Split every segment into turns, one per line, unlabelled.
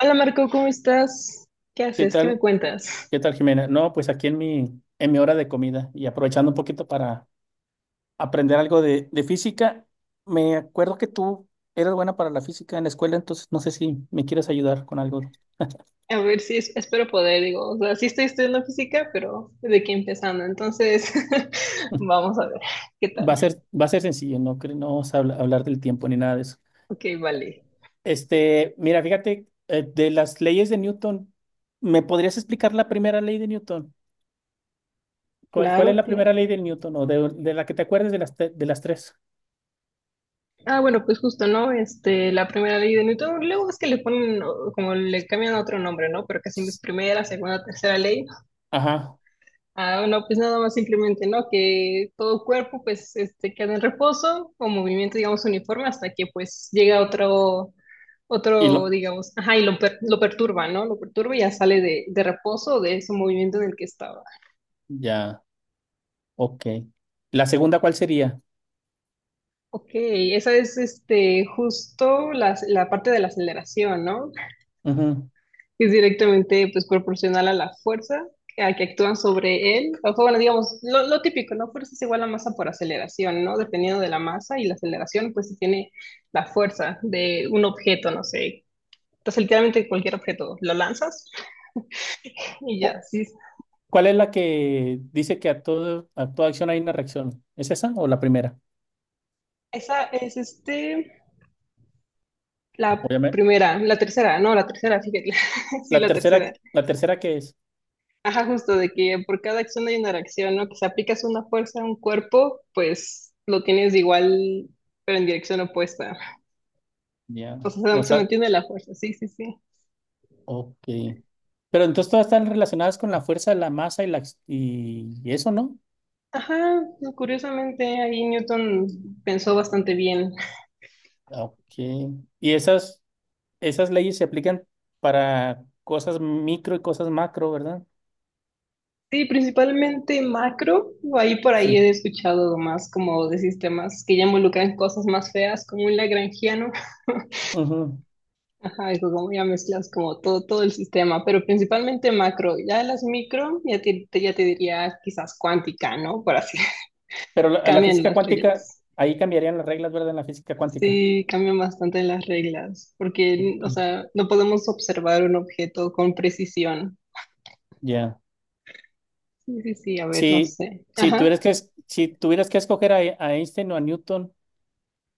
Hola Marco, ¿cómo estás? ¿Qué
¿Qué
haces? ¿Qué me
tal?
cuentas?
¿Qué tal, Jimena? No, pues aquí en mi hora de comida y aprovechando un poquito para aprender algo de física, me acuerdo que tú eras buena para la física en la escuela, entonces no sé si me quieres ayudar con algo.
A ver si es- espero poder, digo, o sea, sí estoy estudiando física, pero de aquí empezando, entonces vamos a ver qué tal.
Va a ser, va a ser sencillo, no, no vamos a hablar del tiempo ni nada de eso.
Ok, vale.
Este, mira, fíjate, de las leyes de Newton, ¿me podrías explicar la primera ley de Newton? ¿Cuál es
Claro,
la
claro.
primera ley de Newton o de la que te acuerdes de las tres?
Ah, bueno, pues justo, ¿no? La primera ley de Newton, luego es que le ponen, como le cambian otro nombre, ¿no? Pero que siempre es
S-
primera, segunda, tercera ley.
Ajá,
Ah, no, pues nada más simplemente, ¿no? Que todo cuerpo, pues, queda en reposo o movimiento, digamos, uniforme hasta que, pues, llega otro,
y
otro,
lo,
digamos, ajá, y lo perturba, ¿no? Lo perturba y ya sale de reposo de ese movimiento en el que estaba.
ya. Ok. ¿La segunda cuál sería?
Ok, esa es, justo la, la parte de la aceleración, ¿no?
Ujú.
Es directamente pues proporcional a la fuerza a que actúan sobre él. Ojo, bueno, digamos, lo típico, ¿no? Fuerza es igual a masa por aceleración, ¿no? Dependiendo de la masa y la aceleración, pues se tiene la fuerza de un objeto, no sé. Entonces, literalmente cualquier objeto lo lanzas y
Cu-
ya. Sí.
¿Cuál es la que dice que a todo, a toda acción hay una reacción? ¿Es esa o la primera?
Esa es la
Obviamente.
primera, la tercera, no, la tercera, fíjate. Sí,
La
la tercera.
tercera, la tercera ¿qué es?
Ajá, justo de que por cada acción hay una reacción, ¿no? Que si aplicas una fuerza a un cuerpo, pues lo tienes igual, pero en dirección opuesta. O
Ya.
sea,
O
se
sea,
mantiene la fuerza, sí, sí, sí.
ok. Pero entonces todas están relacionadas con la fuerza, la masa y y eso, ¿no?
Ajá, no, curiosamente ahí Newton pensó bastante bien.
Ok. Y esas leyes se aplican para cosas micro y cosas macro, ¿verdad?
Sí, principalmente macro, ahí por ahí
Sí.
he escuchado más como de sistemas que ya involucran cosas más feas, como un lagrangiano.
Ujú.
Ajá, eso como ya mezclas como todo, todo el sistema, pero principalmente macro. Ya las micro, ya ya te diría quizás cuántica, ¿no? Por así,
Pero la
cambian
física
las
cuántica,
reglas.
ahí cambiarían las reglas, ¿verdad? En la física cuántica.
Sí, cambian bastante las reglas, porque, o sea, no podemos observar un objeto con precisión.
Ya.
Sí, sí, sí, a ver, no
Si,
sé.
si tuvieras
Ajá.
que, es- si tuvieras que escoger a Einstein o a Newton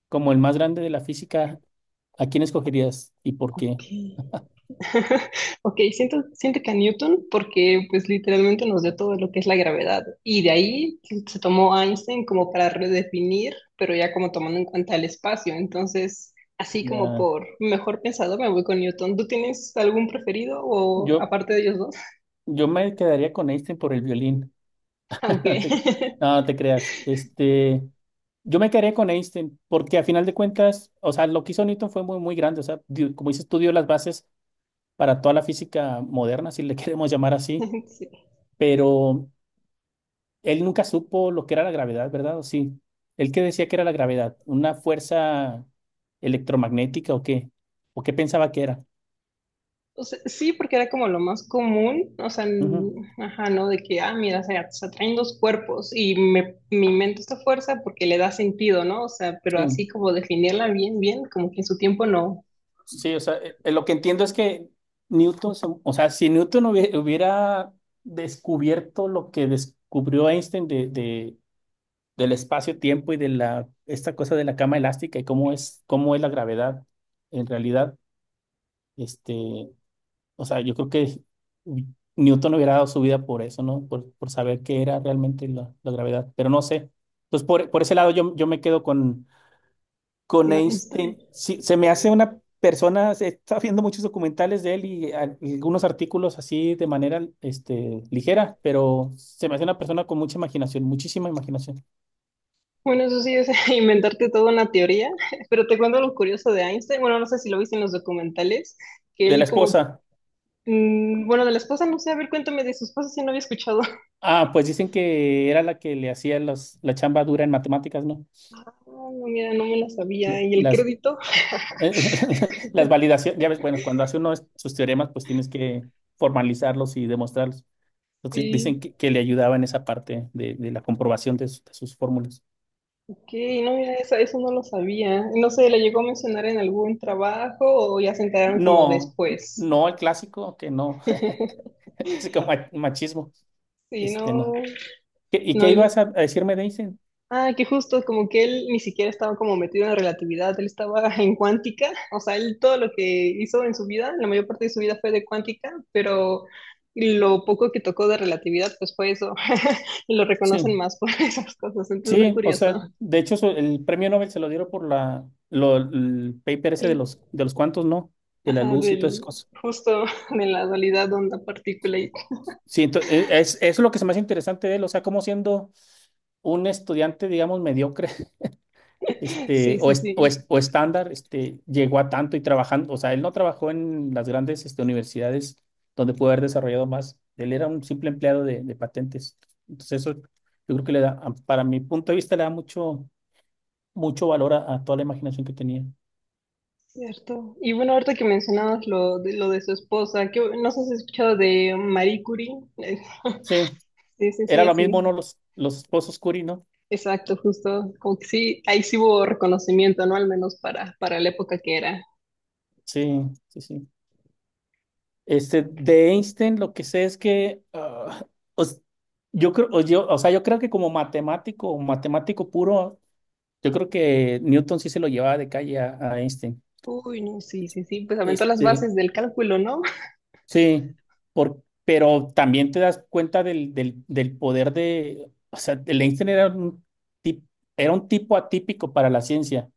como el más grande de la física, ¿a quién escogerías y por qué?
Ok. Ok, siento, siento que a Newton porque pues literalmente nos dio todo lo que es la gravedad y de ahí se tomó Einstein como para redefinir, pero ya como tomando en cuenta el espacio. Entonces, así como
Ya.
por mejor pensado me voy con Newton. ¿Tú tienes algún preferido o
Yo,
aparte de ellos dos?
yo me quedaría con Einstein por el violín.
Aunque
No te, no te creas. Este, yo me quedaría con Einstein porque a final de cuentas, o sea, lo que hizo Newton fue muy, muy grande. O sea, como dices, tú dio las bases para toda la física moderna, si le queremos llamar así.
sí.
Pero él nunca supo lo que era la gravedad, ¿verdad? ¿O sí? ¿Él qué decía que era la gravedad? ¿Una fuerza electromagnética o qué? ¿O qué pensaba que era?
O sea, sí, porque era como lo más común, o sea,
Ujú.
ajá, ¿no? De que, ah, mira, se atraen dos cuerpos y me invento esta fuerza porque le da sentido, ¿no? O sea, pero así
Sí,
como definirla bien, bien, como que en su tiempo no.
sí, o sea, lo que entiendo es que Newton, o sea, si Newton hubiera descubierto lo que descubrió Einstein de, del espacio-tiempo y de esta cosa de la cama elástica y cómo es la gravedad en realidad, este, o sea, yo creo que Newton hubiera dado su vida por eso, ¿no? Por saber qué era realmente la gravedad, pero no sé. Entonces, por ese lado yo me quedo con
No, Einstein.
Einstein. Sí, se me hace una persona, estaba viendo muchos documentales de él y y algunos artículos así de manera este, ligera, pero se me hace una persona con mucha imaginación, muchísima imaginación.
Bueno, eso sí es inventarte toda una teoría, pero te cuento lo curioso de Einstein, bueno, no sé si lo viste en los documentales, que
De la
él como,
esposa.
bueno, de la esposa, no sé, a ver, cuéntame de su esposa si no había escuchado.
Ah, pues dicen que era la que le hacía la chamba dura en matemáticas, ¿no?
Ah, no, mira, no me la
La-
sabía, y el
Las
crédito.
Eh, Las validaciones, ya ves, bueno, cuando hace uno sus teoremas, pues tienes que formalizarlos y demostrarlos. Entonces
Sí.
dicen que le ayudaba en esa parte de la comprobación de sus fórmulas.
Que no, mira, eso no lo sabía. No sé, ¿le llegó a mencionar en algún trabajo o ya se enteraron como
No,
después?
no el clásico, que no, el clásico machismo,
Sí, no,
este no. ¿Y
no.
qué
él-
ibas a decirme de Einstein?
Ah, que justo como que él ni siquiera estaba como metido en relatividad, él estaba en cuántica, o sea, él todo lo que hizo en su vida, la mayor parte de su vida fue de cuántica, pero lo poco que tocó de relatividad, pues fue eso, y lo reconocen
Sí,
más por esas cosas, entonces es
sí, o sea,
curioso.
de hecho el premio Nobel se lo dieron por el paper ese de
El-
los, de los cuantos, ¿no? De la
ajá,
luz y todas esas cosas.
justo de la dualidad onda-partícula.
Sí, eso es lo que se me hace interesante de él, o sea, cómo siendo un estudiante, digamos, mediocre, este,
Sí, sí, sí,
o estándar, este, llegó a tanto y trabajando, o sea, él no trabajó en las grandes, este, universidades donde pudo haber desarrollado más. Él era un simple empleado de patentes. Entonces, eso yo creo que le da, para mi punto de vista, le da mucho, mucho valor a toda la imaginación que tenía.
cierto. Y bueno, ahorita que mencionabas lo de su esposa, que no sé si has escuchado de Marie Curie. Eh,
Sí,
Sí, sí,
era
sí,
lo mismo,
así.
¿no? Los esposos Curie, ¿no?
Exacto, justo. Como que sí, ahí sí hubo reconocimiento, ¿no? Al menos para la época que era.
Sí, sí, sí. Este, de Einstein lo que sé es que os- yo creo que como matemático, o matemático puro, yo creo que Newton sí se lo llevaba de calle a Einstein.
Uy, no, sí, sí, sí, pues aventó las
Este,
bases del cálculo, ¿no?
sí, pero también te das cuenta del poder de, o sea, el Einstein tip- era un tipo atípico para la ciencia,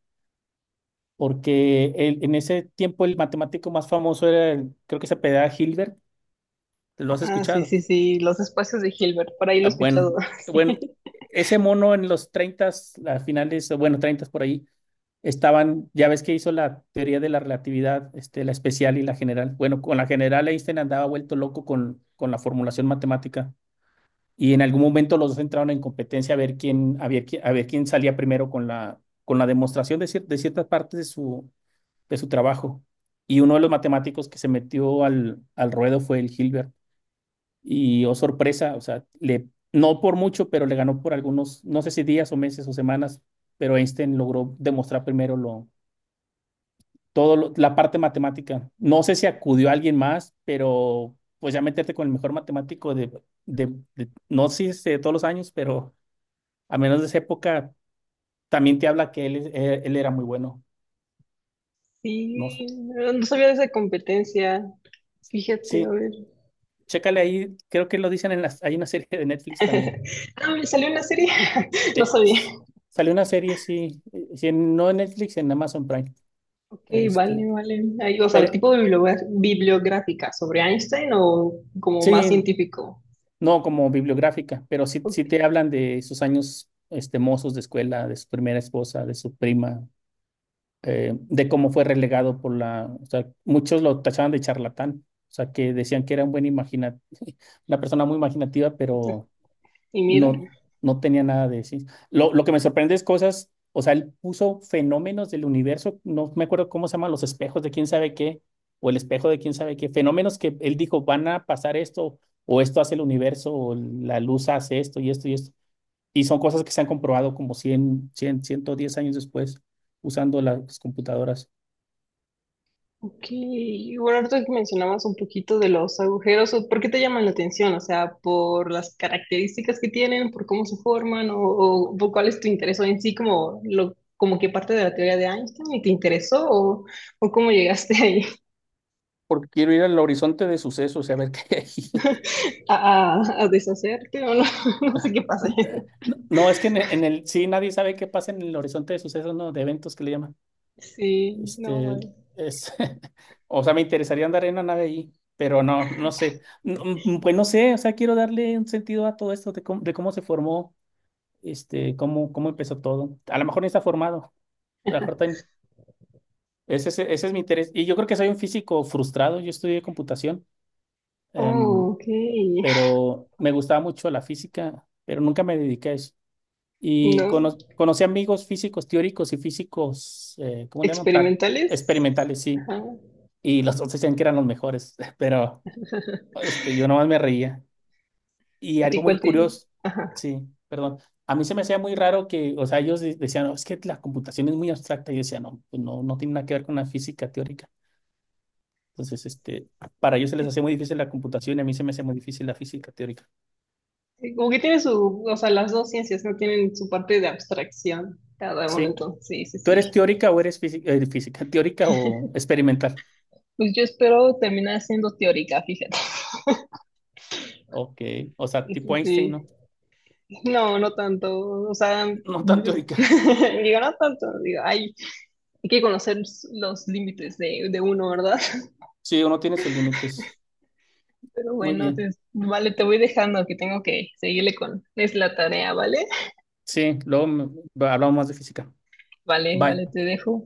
porque en ese tiempo el matemático más famoso era, creo que se apellidaba Hilbert, ¿lo has
Ah, sí,
escuchado?
sí, sí, los espacios de Hilbert, por ahí lo he
Ah,
escuchado.
bueno, bueno, ese mono en los 30, las finales, bueno, 30 por ahí, estaban, ya ves que hizo la teoría de la relatividad, este, la especial y la general. Bueno, con la general Einstein andaba vuelto loco con la formulación matemática y en algún momento los dos entraron en competencia a ver quién salía primero con la demostración de ciertas partes de su trabajo. Y uno de los matemáticos que se metió al ruedo fue el Hilbert. Y oh sorpresa, o sea, le, no por mucho, pero le ganó por algunos, no sé si días o meses o semanas, pero Einstein logró demostrar primero la parte matemática. No sé si acudió a alguien más, pero pues ya meterte con el mejor matemático de, no sé si de todos los años, pero a menos de esa época, también te habla que él, él era muy bueno.
Sí,
No,
sí, no no sabía de esa competencia. Fíjate, a
sí,
ver.
chécale ahí, creo que lo dicen en hay una serie de Netflix también.
Ah, me salió una serie, no
Eh,
sabía.
s- Salió una serie, sí, sí, no en Netflix, en Amazon Prime.
Ok, vale,
Este,
vale. Ahí, o sea,
pero
tipo de bibliográfica sobre Einstein o como más
sí,
científico.
no como bibliográfica, pero sí, sí
Ok,
te hablan de sus años este, mozos de escuela, de su primera esposa, de su prima, de cómo fue relegado o sea, muchos lo tachaban de charlatán, o sea, que decían que era un buen imagina, una persona muy imaginativa, pero
y mira,
no, no tenía nada de ciencia. Lo que me sorprende es cosas, o sea, él puso fenómenos del universo, no me acuerdo cómo se llaman los espejos de quién sabe qué, o el espejo de quién sabe qué, fenómenos que él dijo, van a pasar esto, o esto hace el universo, o la luz hace esto y esto y esto. Y son cosas que se han comprobado como ciento diez años después usando las computadoras.
ok. Y bueno, ahorita que mencionabas un poquito de los agujeros, ¿o ¿por qué te llaman la atención? O sea, por las características que tienen, por cómo se forman, o por cuál es tu interés o en sí, como lo, como que parte de la teoría de Einstein y te interesó, o cómo llegaste ahí
Porque quiero ir al horizonte de sucesos y a ver qué hay.
a deshacerte, o no, no sé qué pasa.
No, no, es que sí nadie sabe qué pasa en el horizonte de sucesos, no, de eventos que le llaman.
Sí, no.
Este,
Eh.
es, o sea, me interesaría andar en una nave ahí, pero no, no sé. No, pues no sé, o sea, quiero darle un sentido a todo esto de cómo se formó, este, cómo empezó todo. A lo mejor no está formado. A lo mejor ese es mi interés. Y yo creo que soy un físico frustrado. Yo estudié computación,
Oh,
em,
ok.
pero me gustaba mucho la física, pero nunca me dediqué a eso. Y
No,
conocí amigos físicos teóricos y físicos, ¿cómo le llaman?
experimentales.
Experimentales, sí.
Ajá.
Y los otros decían que eran los mejores, pero este, yo nomás me reía. Y
¿Y
algo muy
cuál
curioso,
ajá?
sí, perdón. A mí se me hacía muy raro que, o sea, ellos decían, "No, es que la computación es muy abstracta". Y yo decía, no, pues no, no tiene nada que ver con la física teórica. Entonces, este, para ellos se les hacía muy difícil la computación y a mí se me hacía muy difícil la física teórica.
Sí, como que tiene su, o sea, las dos ciencias no tienen su parte de abstracción, cada uno
Sí.
entonces, sí, sí,
¿Tú eres
sí.
teórica o eres física teórica o experimental?
Pues yo espero terminar siendo teórica, fíjate.
Ok. O sea,
Sí, sí,
tipo Einstein,
sí.
¿no?
No, no tanto, o sea,
No tan teórica.
digo, no tanto, digo, ay, hay que conocer los límites de uno, ¿verdad?
Sí, uno tiene sus límites.
Pero
Muy
bueno,
bien.
vale, te voy dejando que tengo que seguirle con... Es la tarea, ¿vale?
Sí, luego hablamos más de física.
Vale,
Bye.
vale, te dejo.